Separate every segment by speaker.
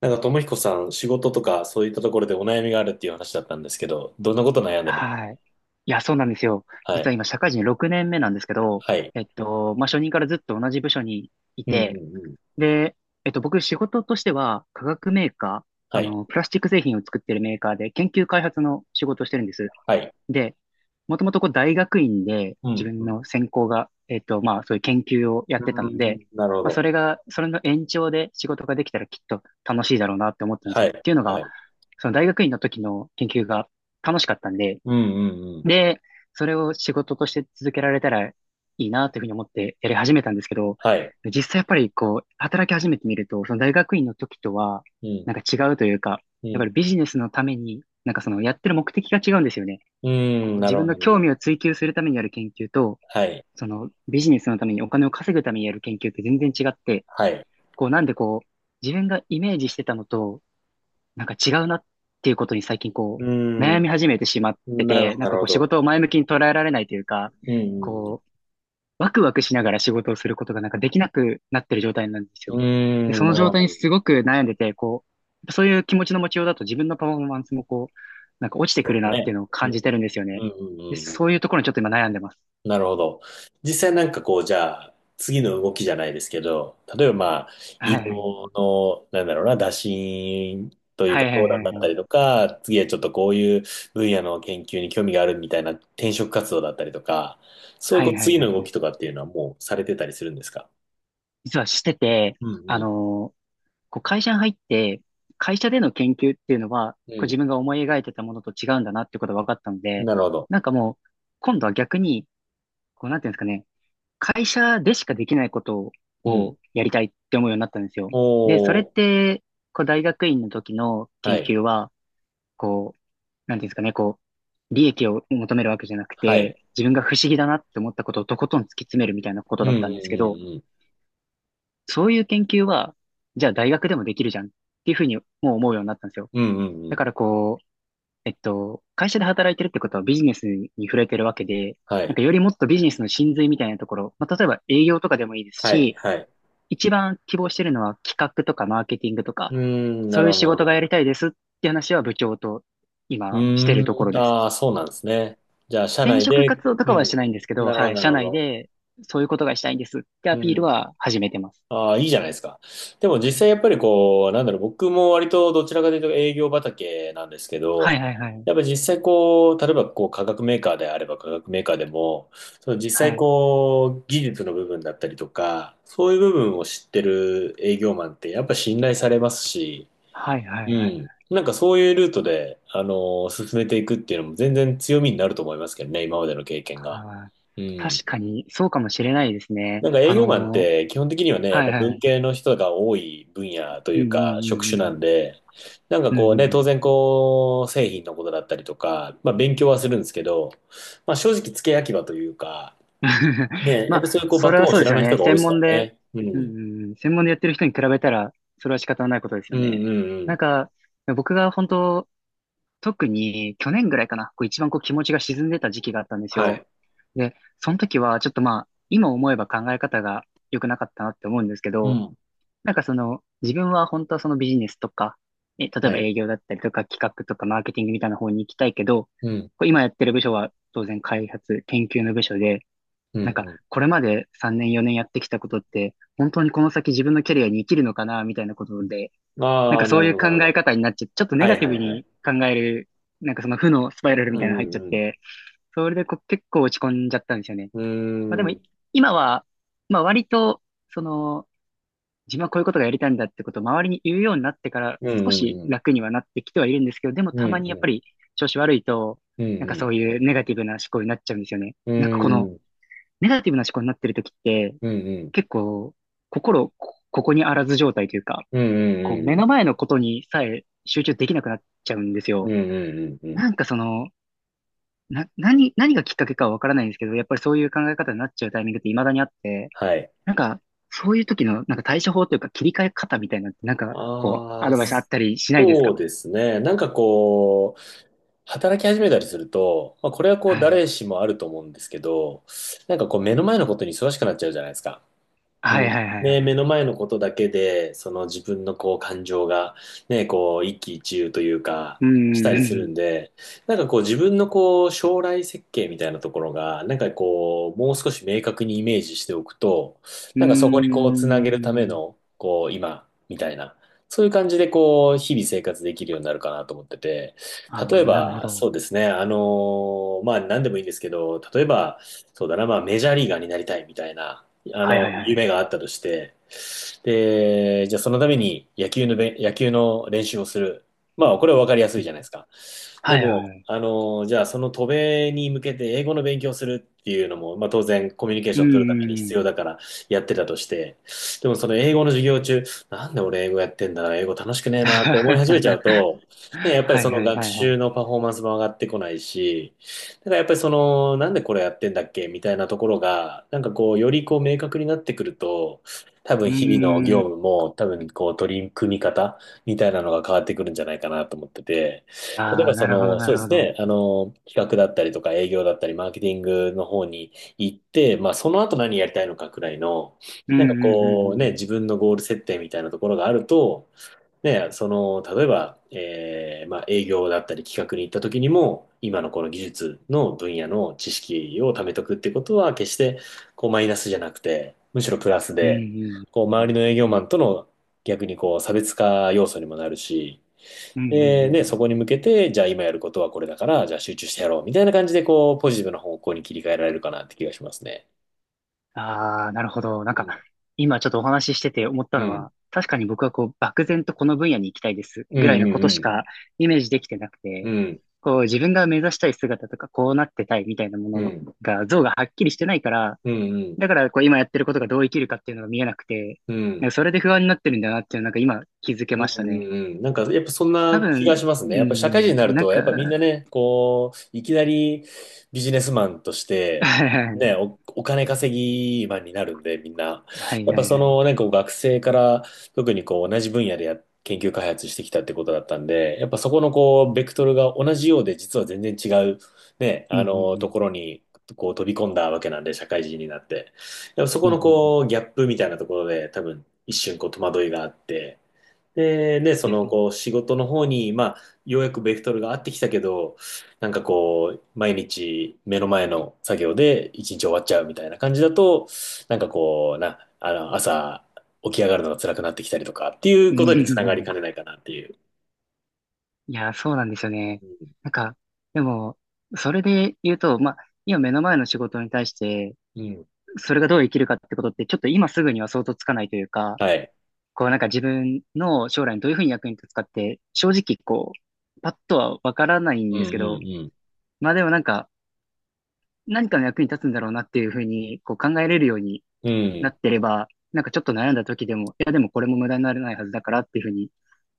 Speaker 1: なんか、ともひこさん、仕事とか、そういったところでお悩みがあるっていう話だったんですけど、どんなこと悩んでる？
Speaker 2: はい。いや、そうなんですよ。
Speaker 1: は
Speaker 2: 実
Speaker 1: い。
Speaker 2: は今、社会人6年目なんですけど、
Speaker 1: はい。
Speaker 2: まあ、初任からずっと同じ部署にい
Speaker 1: うん、うん、
Speaker 2: て、
Speaker 1: うん。
Speaker 2: で、僕、仕事としては、化学メーカー、
Speaker 1: はい。
Speaker 2: プラスチック製品を作ってるメーカーで、研究開発の仕事をしてるんです。
Speaker 1: はい。
Speaker 2: で、もともとこう、大学院で、
Speaker 1: う
Speaker 2: 自
Speaker 1: ん、
Speaker 2: 分
Speaker 1: うん。
Speaker 2: の専攻が、まあ、そういう研究をやっ
Speaker 1: う
Speaker 2: てた
Speaker 1: ー
Speaker 2: ので、
Speaker 1: ん、なるほ
Speaker 2: まあ、
Speaker 1: ど。
Speaker 2: それの延長で仕事ができたらきっと楽しいだろうなって思ったんです
Speaker 1: は
Speaker 2: よ。っ
Speaker 1: い。
Speaker 2: ていうの
Speaker 1: は
Speaker 2: が、
Speaker 1: い。
Speaker 2: その大学院の時の研究が楽しかったんで、
Speaker 1: うん、うん、うん。
Speaker 2: で、それを仕事として続けられたらいいなというふうに思ってやり始めたんですけど、
Speaker 1: はい。
Speaker 2: 実際やっぱりこう、働き始めてみると、その大学院の時とは、
Speaker 1: うん、
Speaker 2: なんか違うというか、
Speaker 1: う
Speaker 2: やっぱ
Speaker 1: ん。
Speaker 2: りビジネスのために、なんかそのやってる目的が違うんですよね。
Speaker 1: うー
Speaker 2: こう、
Speaker 1: ん、な
Speaker 2: 自
Speaker 1: るほ
Speaker 2: 分
Speaker 1: ど、
Speaker 2: の
Speaker 1: なる
Speaker 2: 興
Speaker 1: ほ
Speaker 2: 味を
Speaker 1: ど。
Speaker 2: 追求するためにやる研究と、
Speaker 1: はい。
Speaker 2: そのビジネスのためにお金を稼ぐためにやる研究って全然違って、
Speaker 1: はい。
Speaker 2: こう、なんでこう、自分がイメージしてたのと、なんか違うなっていうことに最近こ
Speaker 1: うー
Speaker 2: う、悩み
Speaker 1: ん、
Speaker 2: 始めてしまって
Speaker 1: なる
Speaker 2: て、
Speaker 1: ほど、
Speaker 2: なん
Speaker 1: なる
Speaker 2: かこ
Speaker 1: ほ
Speaker 2: う仕
Speaker 1: ど。
Speaker 2: 事を前向きに捉えられないというか、
Speaker 1: うん、
Speaker 2: こう、ワクワクしながら仕事をすることがなんかできなくなってる状態なんです
Speaker 1: う
Speaker 2: よ。
Speaker 1: ん、
Speaker 2: で、
Speaker 1: うん。うー
Speaker 2: そ
Speaker 1: ん、
Speaker 2: の
Speaker 1: なる
Speaker 2: 状
Speaker 1: ほ
Speaker 2: 態
Speaker 1: ど。
Speaker 2: にすごく悩んでて、こう、やっぱそういう気持ちの持ちようだと自分のパフォーマンスもこう、なんか落ちて
Speaker 1: そ
Speaker 2: くる
Speaker 1: う
Speaker 2: なっ
Speaker 1: ね。
Speaker 2: ていうのを
Speaker 1: う
Speaker 2: 感
Speaker 1: ん、
Speaker 2: じてるんですよ
Speaker 1: うん、
Speaker 2: ね。
Speaker 1: うん、
Speaker 2: で、
Speaker 1: うん。う
Speaker 2: そ
Speaker 1: ん、
Speaker 2: ういうところにちょっと今悩んでます。
Speaker 1: なるほど。実際なんかこう、じゃあ、次の動きじゃないですけど、例えばまあ、
Speaker 2: は
Speaker 1: 移
Speaker 2: い、はい。
Speaker 1: 動の、なんだろうな、打診という
Speaker 2: は
Speaker 1: か
Speaker 2: い、は
Speaker 1: 相
Speaker 2: い、
Speaker 1: 談
Speaker 2: はい、
Speaker 1: だった
Speaker 2: はい。
Speaker 1: りとか、次はちょっとこういう分野の研究に興味があるみたいな転職活動だったりとか、そういう
Speaker 2: は
Speaker 1: こう、
Speaker 2: い、はい、
Speaker 1: 次
Speaker 2: は
Speaker 1: の
Speaker 2: い、
Speaker 1: 動
Speaker 2: はい。
Speaker 1: きとかっていうのはもうされてたりするんですか？
Speaker 2: 実はしてて、
Speaker 1: うん
Speaker 2: あ
Speaker 1: うん。
Speaker 2: のーこう会社に入って、会社での研究っていうのは、こう自
Speaker 1: う
Speaker 2: 分が思い描いてたものと違うんだなってことが分かったの
Speaker 1: ん。
Speaker 2: で、
Speaker 1: なるほど。
Speaker 2: なんかもう、今度は逆に、こうなんていうんですかね、会社でしかできないこと
Speaker 1: うん。
Speaker 2: をやりたいって思うようになったんですよ。で、それ
Speaker 1: お
Speaker 2: っ
Speaker 1: ー。
Speaker 2: て、こう大学院の時の
Speaker 1: は
Speaker 2: 研
Speaker 1: い。
Speaker 2: 究は、こう、なんていうんですかね、こう、利益を求めるわけじゃなく
Speaker 1: は
Speaker 2: て、
Speaker 1: い。
Speaker 2: 自分が不思議だなって思ったことをとことん突き詰めるみたいなこと
Speaker 1: うん
Speaker 2: だったんですけど、
Speaker 1: うん
Speaker 2: そういう研究は、じゃあ大学でもできるじゃんっていうふうにもう思うようになったんですよ。
Speaker 1: うんうん。うんうんう
Speaker 2: だ
Speaker 1: ん。
Speaker 2: からこう、会社で働いてるってことはビジネスに触れてるわけで、
Speaker 1: は
Speaker 2: なん
Speaker 1: い。
Speaker 2: かよりもっとビジネスの真髄みたいなところ、まあ、例えば営業とかでもいいです
Speaker 1: はい。
Speaker 2: し、
Speaker 1: はい。
Speaker 2: 一番希望してるのは企画とかマーケティングとか、
Speaker 1: うーん、な
Speaker 2: そう
Speaker 1: る
Speaker 2: いう
Speaker 1: ほど、
Speaker 2: 仕
Speaker 1: なるほ
Speaker 2: 事がやり
Speaker 1: ど。
Speaker 2: たいですって話は部長と
Speaker 1: う
Speaker 2: 今してるとこ
Speaker 1: ー
Speaker 2: ろ
Speaker 1: ん、
Speaker 2: です。
Speaker 1: ああ、そうなんですね。じゃあ、社
Speaker 2: 転
Speaker 1: 内
Speaker 2: 職
Speaker 1: で、
Speaker 2: 活動と
Speaker 1: う
Speaker 2: かはしてないんですけ
Speaker 1: ん、
Speaker 2: ど、
Speaker 1: なるほ
Speaker 2: は
Speaker 1: ど、
Speaker 2: い、
Speaker 1: なる
Speaker 2: 社
Speaker 1: ほ
Speaker 2: 内
Speaker 1: ど。
Speaker 2: でそういうことがしたいんですってア
Speaker 1: う
Speaker 2: ピール
Speaker 1: ん。
Speaker 2: は始めてます。
Speaker 1: ああ、いいじゃないですか。でも実際やっぱりこう、なんだろう、僕も割とどちらかというと営業畑なんですけ
Speaker 2: はい、
Speaker 1: ど、
Speaker 2: はい、はい。
Speaker 1: やっぱ実際こう、例えばこう、化学メーカーであれば化学メーカーでも、その実
Speaker 2: は
Speaker 1: 際
Speaker 2: い。
Speaker 1: こう、技術の部分だったりとか、そういう部分を知ってる営業マンってやっぱ信頼されますし、
Speaker 2: はい、はい、
Speaker 1: う
Speaker 2: はい。
Speaker 1: ん。なんかそういうルートで、あのー進めていくっていうのも全然強みになると思いますけどね、今までの経験が。
Speaker 2: あー、
Speaker 1: うん。
Speaker 2: 確かにそうかもしれないですね。
Speaker 1: なんか営業マンって基本的にはね、やっ
Speaker 2: はい、
Speaker 1: ぱ
Speaker 2: は
Speaker 1: 文
Speaker 2: い、
Speaker 1: 系の人が多い分野と
Speaker 2: う
Speaker 1: いうか
Speaker 2: ん、
Speaker 1: 職種
Speaker 2: う
Speaker 1: な
Speaker 2: ん、
Speaker 1: んで、なんか
Speaker 2: うん、う
Speaker 1: こ
Speaker 2: ん。
Speaker 1: う
Speaker 2: うん、う
Speaker 1: ね、
Speaker 2: ん、う
Speaker 1: 当
Speaker 2: ん。
Speaker 1: 然こう、製品のことだったりとか、まあ勉強はするんですけど、まあ正直付け焼き場というか、ね、
Speaker 2: ま
Speaker 1: やっ
Speaker 2: あ、
Speaker 1: ぱそういうこう
Speaker 2: そ
Speaker 1: バッ
Speaker 2: れ
Speaker 1: ク
Speaker 2: は
Speaker 1: ボーンを
Speaker 2: そう
Speaker 1: 知
Speaker 2: です
Speaker 1: ら
Speaker 2: よ
Speaker 1: ない
Speaker 2: ね。
Speaker 1: 人が多い
Speaker 2: 専
Speaker 1: ですか
Speaker 2: 門
Speaker 1: ら
Speaker 2: で、
Speaker 1: ね。う
Speaker 2: うん、
Speaker 1: ん。
Speaker 2: うん、うん、専門でやってる人に比べたら、それは仕方ないことです
Speaker 1: う
Speaker 2: よ
Speaker 1: ん
Speaker 2: ね。
Speaker 1: うんう
Speaker 2: なん
Speaker 1: ん。
Speaker 2: か、僕が本当、特に去年ぐらいかな、こう一番こう気持ちが沈んでた時期があったんです
Speaker 1: は
Speaker 2: よ。
Speaker 1: い。
Speaker 2: で、その時はちょっとまあ、今思えば考え方が良くなかったなって思うんですけ
Speaker 1: う
Speaker 2: ど、
Speaker 1: ん。
Speaker 2: なんかその、自分は本当はそのビジネスとか、例え
Speaker 1: は
Speaker 2: ば営
Speaker 1: い。
Speaker 2: 業だったりとか企画とかマーケティングみたいな方に行きたいけど、
Speaker 1: うん。
Speaker 2: こう今やってる部署は当然開発、研究の部署で、
Speaker 1: うん
Speaker 2: なんか
Speaker 1: う
Speaker 2: これまで3年4年やってきたことって、本当にこの先自分のキャリアに生きるのかな、みたいなことで、
Speaker 1: ん。
Speaker 2: なん
Speaker 1: あ
Speaker 2: か
Speaker 1: あ、な
Speaker 2: そう
Speaker 1: る
Speaker 2: い
Speaker 1: ほ
Speaker 2: う
Speaker 1: ど、な
Speaker 2: 考
Speaker 1: るほ
Speaker 2: え
Speaker 1: ど。
Speaker 2: 方になっちゃって、ちょっとネ
Speaker 1: は
Speaker 2: ガ
Speaker 1: い
Speaker 2: ティ
Speaker 1: は
Speaker 2: ブ
Speaker 1: いはい。
Speaker 2: に考える、なんかその負のスパイラルみ
Speaker 1: う
Speaker 2: たいなの入っちゃっ
Speaker 1: ん
Speaker 2: て、それでこう結構落ち込んじゃったんですよね。
Speaker 1: う
Speaker 2: まあで
Speaker 1: ん。う
Speaker 2: も、
Speaker 1: ーん。
Speaker 2: 今は、まあ割と、その、自分はこういうことがやりたいんだってことを周りに言うようになってから
Speaker 1: う
Speaker 2: 少
Speaker 1: んうん
Speaker 2: し
Speaker 1: うん。
Speaker 2: 楽にはなってきてはいるんですけど、でも
Speaker 1: う
Speaker 2: たま
Speaker 1: ん
Speaker 2: にやっ
Speaker 1: う
Speaker 2: ぱ
Speaker 1: ん。
Speaker 2: り調子悪いと、
Speaker 1: うん
Speaker 2: なんか
Speaker 1: う
Speaker 2: そう
Speaker 1: ん。
Speaker 2: いうネガティブな思考になっちゃうんですよね。
Speaker 1: う
Speaker 2: なんかこ
Speaker 1: んう
Speaker 2: の
Speaker 1: ん。
Speaker 2: ネガティブな思考になってる時って
Speaker 1: うん
Speaker 2: 結構心こここにあらず状態というか、
Speaker 1: うん
Speaker 2: こ
Speaker 1: う
Speaker 2: う
Speaker 1: ん
Speaker 2: 目
Speaker 1: う
Speaker 2: の
Speaker 1: ん。
Speaker 2: 前のことにさえ集中できなくなっちゃうんです
Speaker 1: う
Speaker 2: よ。
Speaker 1: んうんうんうんうんうんうんうんうんうんうんうん。
Speaker 2: なんかその、何がきっかけかはわからないんですけど、やっぱりそういう考え方になっちゃうタイミングって未だにあって、
Speaker 1: はい。
Speaker 2: なんか、そういう時の、なんか対処法というか切り替え方みたいなのって、なんか、こう、
Speaker 1: あ
Speaker 2: ア
Speaker 1: あ、
Speaker 2: ドバイスあったりしないです
Speaker 1: そ
Speaker 2: か？
Speaker 1: うですね。なんかこう、働き始めたりすると、まあ、これはこう
Speaker 2: はい。
Speaker 1: 誰しもあると思うんですけど、なんかこう目の前のことに忙しくなっちゃうじゃないですか。う
Speaker 2: はい、
Speaker 1: ん。
Speaker 2: はい、はい、は
Speaker 1: ね、
Speaker 2: い。
Speaker 1: 目の前のことだけで、その自分のこう感情が、ね、こう一喜一憂というか、
Speaker 2: うー
Speaker 1: したりする
Speaker 2: ん。
Speaker 1: んで、なんかこう自分のこう将来設計みたいなところが、なんかこう、もう少し明確にイメージしておくと、
Speaker 2: うー
Speaker 1: なんかそこにこうつなげるため
Speaker 2: ん。
Speaker 1: の、こう今、みたいな、そういう感じでこう、日々生活できるようになるかなと思ってて、
Speaker 2: ああ、
Speaker 1: 例え
Speaker 2: なるほ
Speaker 1: ば、そ
Speaker 2: ど。
Speaker 1: うですね、あのまあ何でもいいんですけど、例えば、そうだな、まあメジャーリーガーになりたいみたいな、あ
Speaker 2: はい、は
Speaker 1: の、
Speaker 2: い、は
Speaker 1: 夢
Speaker 2: い。
Speaker 1: があったとして、で、じゃあそのために野球の練習をする。まあ、これは分かりやす
Speaker 2: う
Speaker 1: い
Speaker 2: ん、
Speaker 1: じゃないですか。で
Speaker 2: はい、はい、
Speaker 1: も、
Speaker 2: はい。
Speaker 1: あの、じゃあその渡米に向けて英語の勉強をするっていうのも、まあ当然コミュニケー
Speaker 2: う
Speaker 1: シ
Speaker 2: ー
Speaker 1: ョンを取るために必
Speaker 2: ん、
Speaker 1: 要
Speaker 2: う
Speaker 1: だ
Speaker 2: ん。
Speaker 1: からやってたとして、でもその英語の授業中、なんで俺英語やってんだな、英語楽しくねえなと思い始めちゃう と、ね、やっぱり
Speaker 2: は
Speaker 1: そ
Speaker 2: い、
Speaker 1: の
Speaker 2: はい、
Speaker 1: 学
Speaker 2: はい、は
Speaker 1: 習
Speaker 2: い。
Speaker 1: のパフォーマンスも上がってこないし、だからやっぱりその、なんでこれやってんだっけみたいなところが、なんかこう、よりこう明確になってくると、多分
Speaker 2: う
Speaker 1: 日々の
Speaker 2: ー
Speaker 1: 業
Speaker 2: ん。
Speaker 1: 務も多分こう取り組み方みたいなのが変わってくるんじゃないかなと思ってて、例え
Speaker 2: あ
Speaker 1: ば
Speaker 2: あ、
Speaker 1: そ
Speaker 2: なるほど、
Speaker 1: の、
Speaker 2: な
Speaker 1: そう
Speaker 2: る
Speaker 1: で
Speaker 2: ほ
Speaker 1: す
Speaker 2: ど。
Speaker 1: ね、あの、企画だったりとか営業だったりマーケティングの方に行って、まあその後何やりたいのかくらいの、
Speaker 2: うん、
Speaker 1: なんか
Speaker 2: うん、う
Speaker 1: こうね、
Speaker 2: ん、
Speaker 1: 自分のゴール設定みたいなところがあると、ね、その、例えば、営業だったり企画に行った時にも、今のこの技術の分野の知識を貯めとくってことは、決してこうマイナスじゃなくて、むしろプラス
Speaker 2: うん。う
Speaker 1: で、
Speaker 2: ん、
Speaker 1: こう
Speaker 2: うん、う
Speaker 1: 周
Speaker 2: ん。
Speaker 1: りの営業マンとの逆にこう差別化要素にもなるし、
Speaker 2: うん、うん、うん、う
Speaker 1: で、ね、
Speaker 2: ん。
Speaker 1: そこに向けて、じゃあ今やることはこれだから、じゃあ集中してやろうみたいな感じで、こう、ポジティブな方向に切り替えられるかなって気がしますね。
Speaker 2: ああ、なるほど。なん
Speaker 1: う
Speaker 2: か、
Speaker 1: ん。
Speaker 2: 今ちょっとお話ししてて思った
Speaker 1: う
Speaker 2: の
Speaker 1: ん。
Speaker 2: は、確かに僕はこう、漠然とこの分野に行きたいです
Speaker 1: う
Speaker 2: ぐらい
Speaker 1: ん。
Speaker 2: のこ
Speaker 1: う
Speaker 2: とし
Speaker 1: ん。
Speaker 2: かイメージできてなく
Speaker 1: う
Speaker 2: て、
Speaker 1: ん。
Speaker 2: こう、自分が目指したい姿とか、こうなってたいみたいなも
Speaker 1: う
Speaker 2: の
Speaker 1: ん。
Speaker 2: が、像がはっきりしてないから、
Speaker 1: うん。うん。
Speaker 2: だからこう、今やってることがどう生きるかっていうのが見えなくて、
Speaker 1: う
Speaker 2: な
Speaker 1: ん。
Speaker 2: んかそれで不安になってるんだなっていうのなんか今気づけ
Speaker 1: うん
Speaker 2: まし
Speaker 1: う
Speaker 2: た
Speaker 1: ん
Speaker 2: ね。
Speaker 1: うん。なんか、やっぱそん
Speaker 2: 多
Speaker 1: な気が
Speaker 2: 分、
Speaker 1: しますね。
Speaker 2: う
Speaker 1: やっぱ社会人にな
Speaker 2: ん、
Speaker 1: る
Speaker 2: なん
Speaker 1: と、やっぱみん
Speaker 2: か、
Speaker 1: なね、こう、いきなりビジネスマンとし て、
Speaker 2: は
Speaker 1: ね、
Speaker 2: い、
Speaker 1: お金稼ぎマンになるんで、みんな。
Speaker 2: はい、
Speaker 1: やっ
Speaker 2: は
Speaker 1: ぱそ
Speaker 2: い。
Speaker 1: の、ね、こう学生から、特にこう、同じ分野でや、研究開発してきたってことだったんで、やっぱそこのこう、ベクトルが同じようで、実は全然違う、ね、
Speaker 2: うん、
Speaker 1: あの、
Speaker 2: う
Speaker 1: と
Speaker 2: ん、
Speaker 1: ころに、こう、飛び込んだわけなんで、社会人になって。やっぱそ
Speaker 2: う
Speaker 1: こ
Speaker 2: ん。うん、
Speaker 1: の
Speaker 2: うん、うん。
Speaker 1: こう、ギャップみたいなところで、多分、一瞬こう、戸惑いがあって、で、ね、そ
Speaker 2: い
Speaker 1: の、
Speaker 2: や、
Speaker 1: こう、仕事の方に、まあ、ようやくベクトルが合ってきたけど、なんかこう、毎日目の前の作業で一日終わっちゃうみたいな感じだと、なんかこう、あの、朝起き上がるのが辛くなってきたりとかってい
Speaker 2: う
Speaker 1: う
Speaker 2: ん、う
Speaker 1: こ
Speaker 2: ん、
Speaker 1: とにつなが
Speaker 2: う
Speaker 1: り
Speaker 2: ん、
Speaker 1: かねないかなっていう。
Speaker 2: いや、そうなんですよね。なんか、でも、それで言うと、まあ、今目の前の仕事に対して、
Speaker 1: うん。うん。
Speaker 2: それがどう生きるかってことって、ちょっと今すぐには想像つかないというか、
Speaker 1: はい。
Speaker 2: こうなんか自分の将来にどういうふうに役に立つかって、正直こう、パッとはわからないん
Speaker 1: うん
Speaker 2: で
Speaker 1: う
Speaker 2: すけど、
Speaker 1: ん
Speaker 2: まあでもなんか、何かの役に立つんだろうなっていうふうに、こう考えれるように
Speaker 1: う
Speaker 2: な
Speaker 1: ん。
Speaker 2: ってれば、なんかちょっと悩んだ時でも、いやでもこれも無駄にならないはずだからっていうふうに、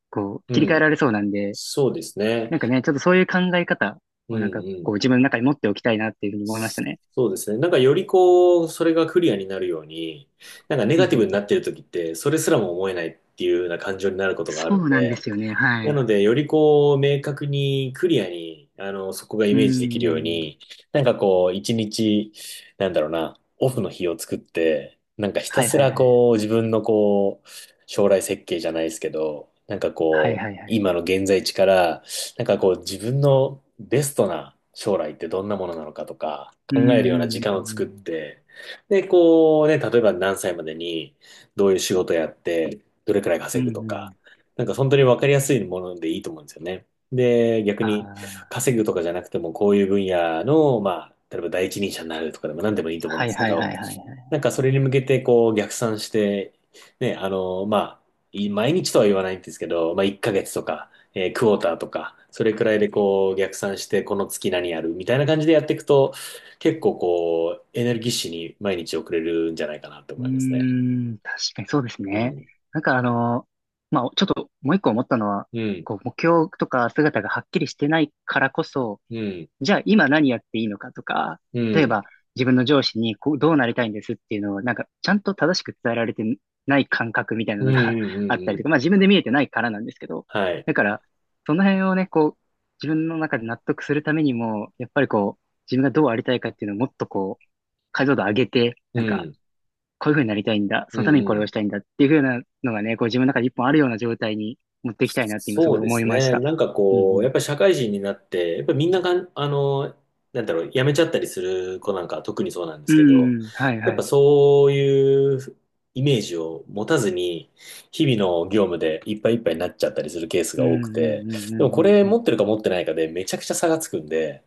Speaker 2: こう、
Speaker 1: うん。
Speaker 2: 切り
Speaker 1: う
Speaker 2: 替え
Speaker 1: ん。
Speaker 2: られそうなんで、
Speaker 1: そうですね。
Speaker 2: なんかね、ちょっとそういう考え方
Speaker 1: う
Speaker 2: を
Speaker 1: ん
Speaker 2: なんか
Speaker 1: うん。
Speaker 2: こう自分の中に持っておきたいなっていうふうに思いましたね。
Speaker 1: そうですね。なんかよりこう、それがクリアになるように、なんかネ
Speaker 2: うん、
Speaker 1: ガ
Speaker 2: う
Speaker 1: テ
Speaker 2: ん、
Speaker 1: ィ
Speaker 2: う
Speaker 1: ブになって
Speaker 2: ん。
Speaker 1: る時って、それすらも思えないっていうような感情になることがあ
Speaker 2: そ
Speaker 1: るん
Speaker 2: うなん
Speaker 1: で、
Speaker 2: ですよね。はい。
Speaker 1: な
Speaker 2: う
Speaker 1: ので、よりこう、明確にクリアに、あの、そこがイ
Speaker 2: ー
Speaker 1: メージできるよう
Speaker 2: ん。
Speaker 1: に、なんかこう、一日、なんだろうな、オフの日を作って、なんかひた
Speaker 2: はい、
Speaker 1: す
Speaker 2: はい、は
Speaker 1: ら
Speaker 2: い。
Speaker 1: こう、自分のこう、将来設計じゃないですけど、なんか
Speaker 2: はい、
Speaker 1: こう、
Speaker 2: はい、はい。
Speaker 1: 今の現在地から、なんかこう、自分のベストな将来ってどんなものなのかとか、
Speaker 2: うー
Speaker 1: 考えるような時
Speaker 2: ん、うん、
Speaker 1: 間
Speaker 2: う
Speaker 1: を作っ
Speaker 2: ん、
Speaker 1: て、で、こうね、例えば何歳までに、どういう仕事やって、どれくらい
Speaker 2: うん。
Speaker 1: 稼
Speaker 2: う
Speaker 1: ぐと
Speaker 2: ん、う
Speaker 1: か、
Speaker 2: ん。
Speaker 1: なんか本当に分かりやすいものでいいと思うんですよね。で、逆
Speaker 2: あ
Speaker 1: に
Speaker 2: あ。
Speaker 1: 稼ぐとかじゃなくても、こういう分野の、まあ、例えば第一人者になるとかでも何でもいいと思うん
Speaker 2: は
Speaker 1: で
Speaker 2: い、
Speaker 1: すけ
Speaker 2: はい、はい、は
Speaker 1: ど、
Speaker 2: い、はい。
Speaker 1: なんかそれに向けてこう逆算して、ね、あの、まあ、毎日とは言わないんですけど、まあ1ヶ月とか、クォーターとか、それくらいでこう逆算して、この月何やるみたいな感じでやっていくと、結構こう、エネルギッシュに毎日送れるんじゃないかなと
Speaker 2: うー
Speaker 1: 思いますね。
Speaker 2: ん。確かにそうです
Speaker 1: う
Speaker 2: ね。
Speaker 1: ん。
Speaker 2: なんかまあちょっともう一個思ったのは、
Speaker 1: うん。
Speaker 2: こう目標とか姿がはっきりしてないからこそ、
Speaker 1: うん。
Speaker 2: じゃあ今何やっていいのかとか、
Speaker 1: う
Speaker 2: 例え
Speaker 1: ん。
Speaker 2: ば自分の上司にこうどうなりたいんですっていうのをなんかちゃんと正しく伝えられてない感覚みたいな
Speaker 1: うん。
Speaker 2: の
Speaker 1: う
Speaker 2: が
Speaker 1: ん。う ん。
Speaker 2: あったり
Speaker 1: う
Speaker 2: と
Speaker 1: ん。
Speaker 2: か、まあ自分で見えてないからなんですけど、
Speaker 1: はい。
Speaker 2: だからその辺をね、こう自分の中で納得するためにも、やっぱりこう自分がどうありたいかっていうのをもっとこう解像度上げて、
Speaker 1: う
Speaker 2: なんか
Speaker 1: ん。
Speaker 2: こういう風になりたいんだ、
Speaker 1: う
Speaker 2: そのために
Speaker 1: んう
Speaker 2: これを
Speaker 1: ん。
Speaker 2: したいんだっていう風なのがね、こう自分の中で一本あるような状態に持っていきたいなって今す
Speaker 1: そ
Speaker 2: ごい
Speaker 1: うで
Speaker 2: 思い
Speaker 1: す
Speaker 2: まし
Speaker 1: ね。
Speaker 2: た。
Speaker 1: なんか
Speaker 2: うん、う
Speaker 1: こう、や
Speaker 2: ん。
Speaker 1: っぱり社会人になって、やっぱりみんながあの、なんだろう、辞めちゃったりする子なんかは特にそうなんで
Speaker 2: う
Speaker 1: すけど、
Speaker 2: ん、うん、はい、
Speaker 1: やっ
Speaker 2: は
Speaker 1: ぱ
Speaker 2: い。
Speaker 1: そういうイメージを持たずに、日々の業務でいっぱいいっぱいになっちゃったりするケース
Speaker 2: う
Speaker 1: が
Speaker 2: ん、う
Speaker 1: 多くて、
Speaker 2: ん、うん、う
Speaker 1: でも
Speaker 2: ん、
Speaker 1: こ
Speaker 2: うん、
Speaker 1: れ
Speaker 2: うん。
Speaker 1: 持ってるか持ってないかでめちゃくちゃ差がつくんで、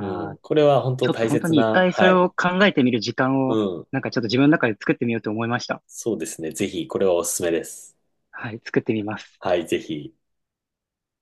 Speaker 1: うん、
Speaker 2: あ、
Speaker 1: これは本
Speaker 2: ち
Speaker 1: 当
Speaker 2: ょっと
Speaker 1: 大
Speaker 2: 本当
Speaker 1: 切
Speaker 2: に一
Speaker 1: な、
Speaker 2: 回そ
Speaker 1: は
Speaker 2: れ
Speaker 1: い。
Speaker 2: を考えてみる時間
Speaker 1: う
Speaker 2: を、
Speaker 1: ん、
Speaker 2: なんかちょっと自分の中で作ってみようと思いました。
Speaker 1: そうですね。ぜひ、これはおすすめです。
Speaker 2: はい、作ってみます。
Speaker 1: はい、ぜひ。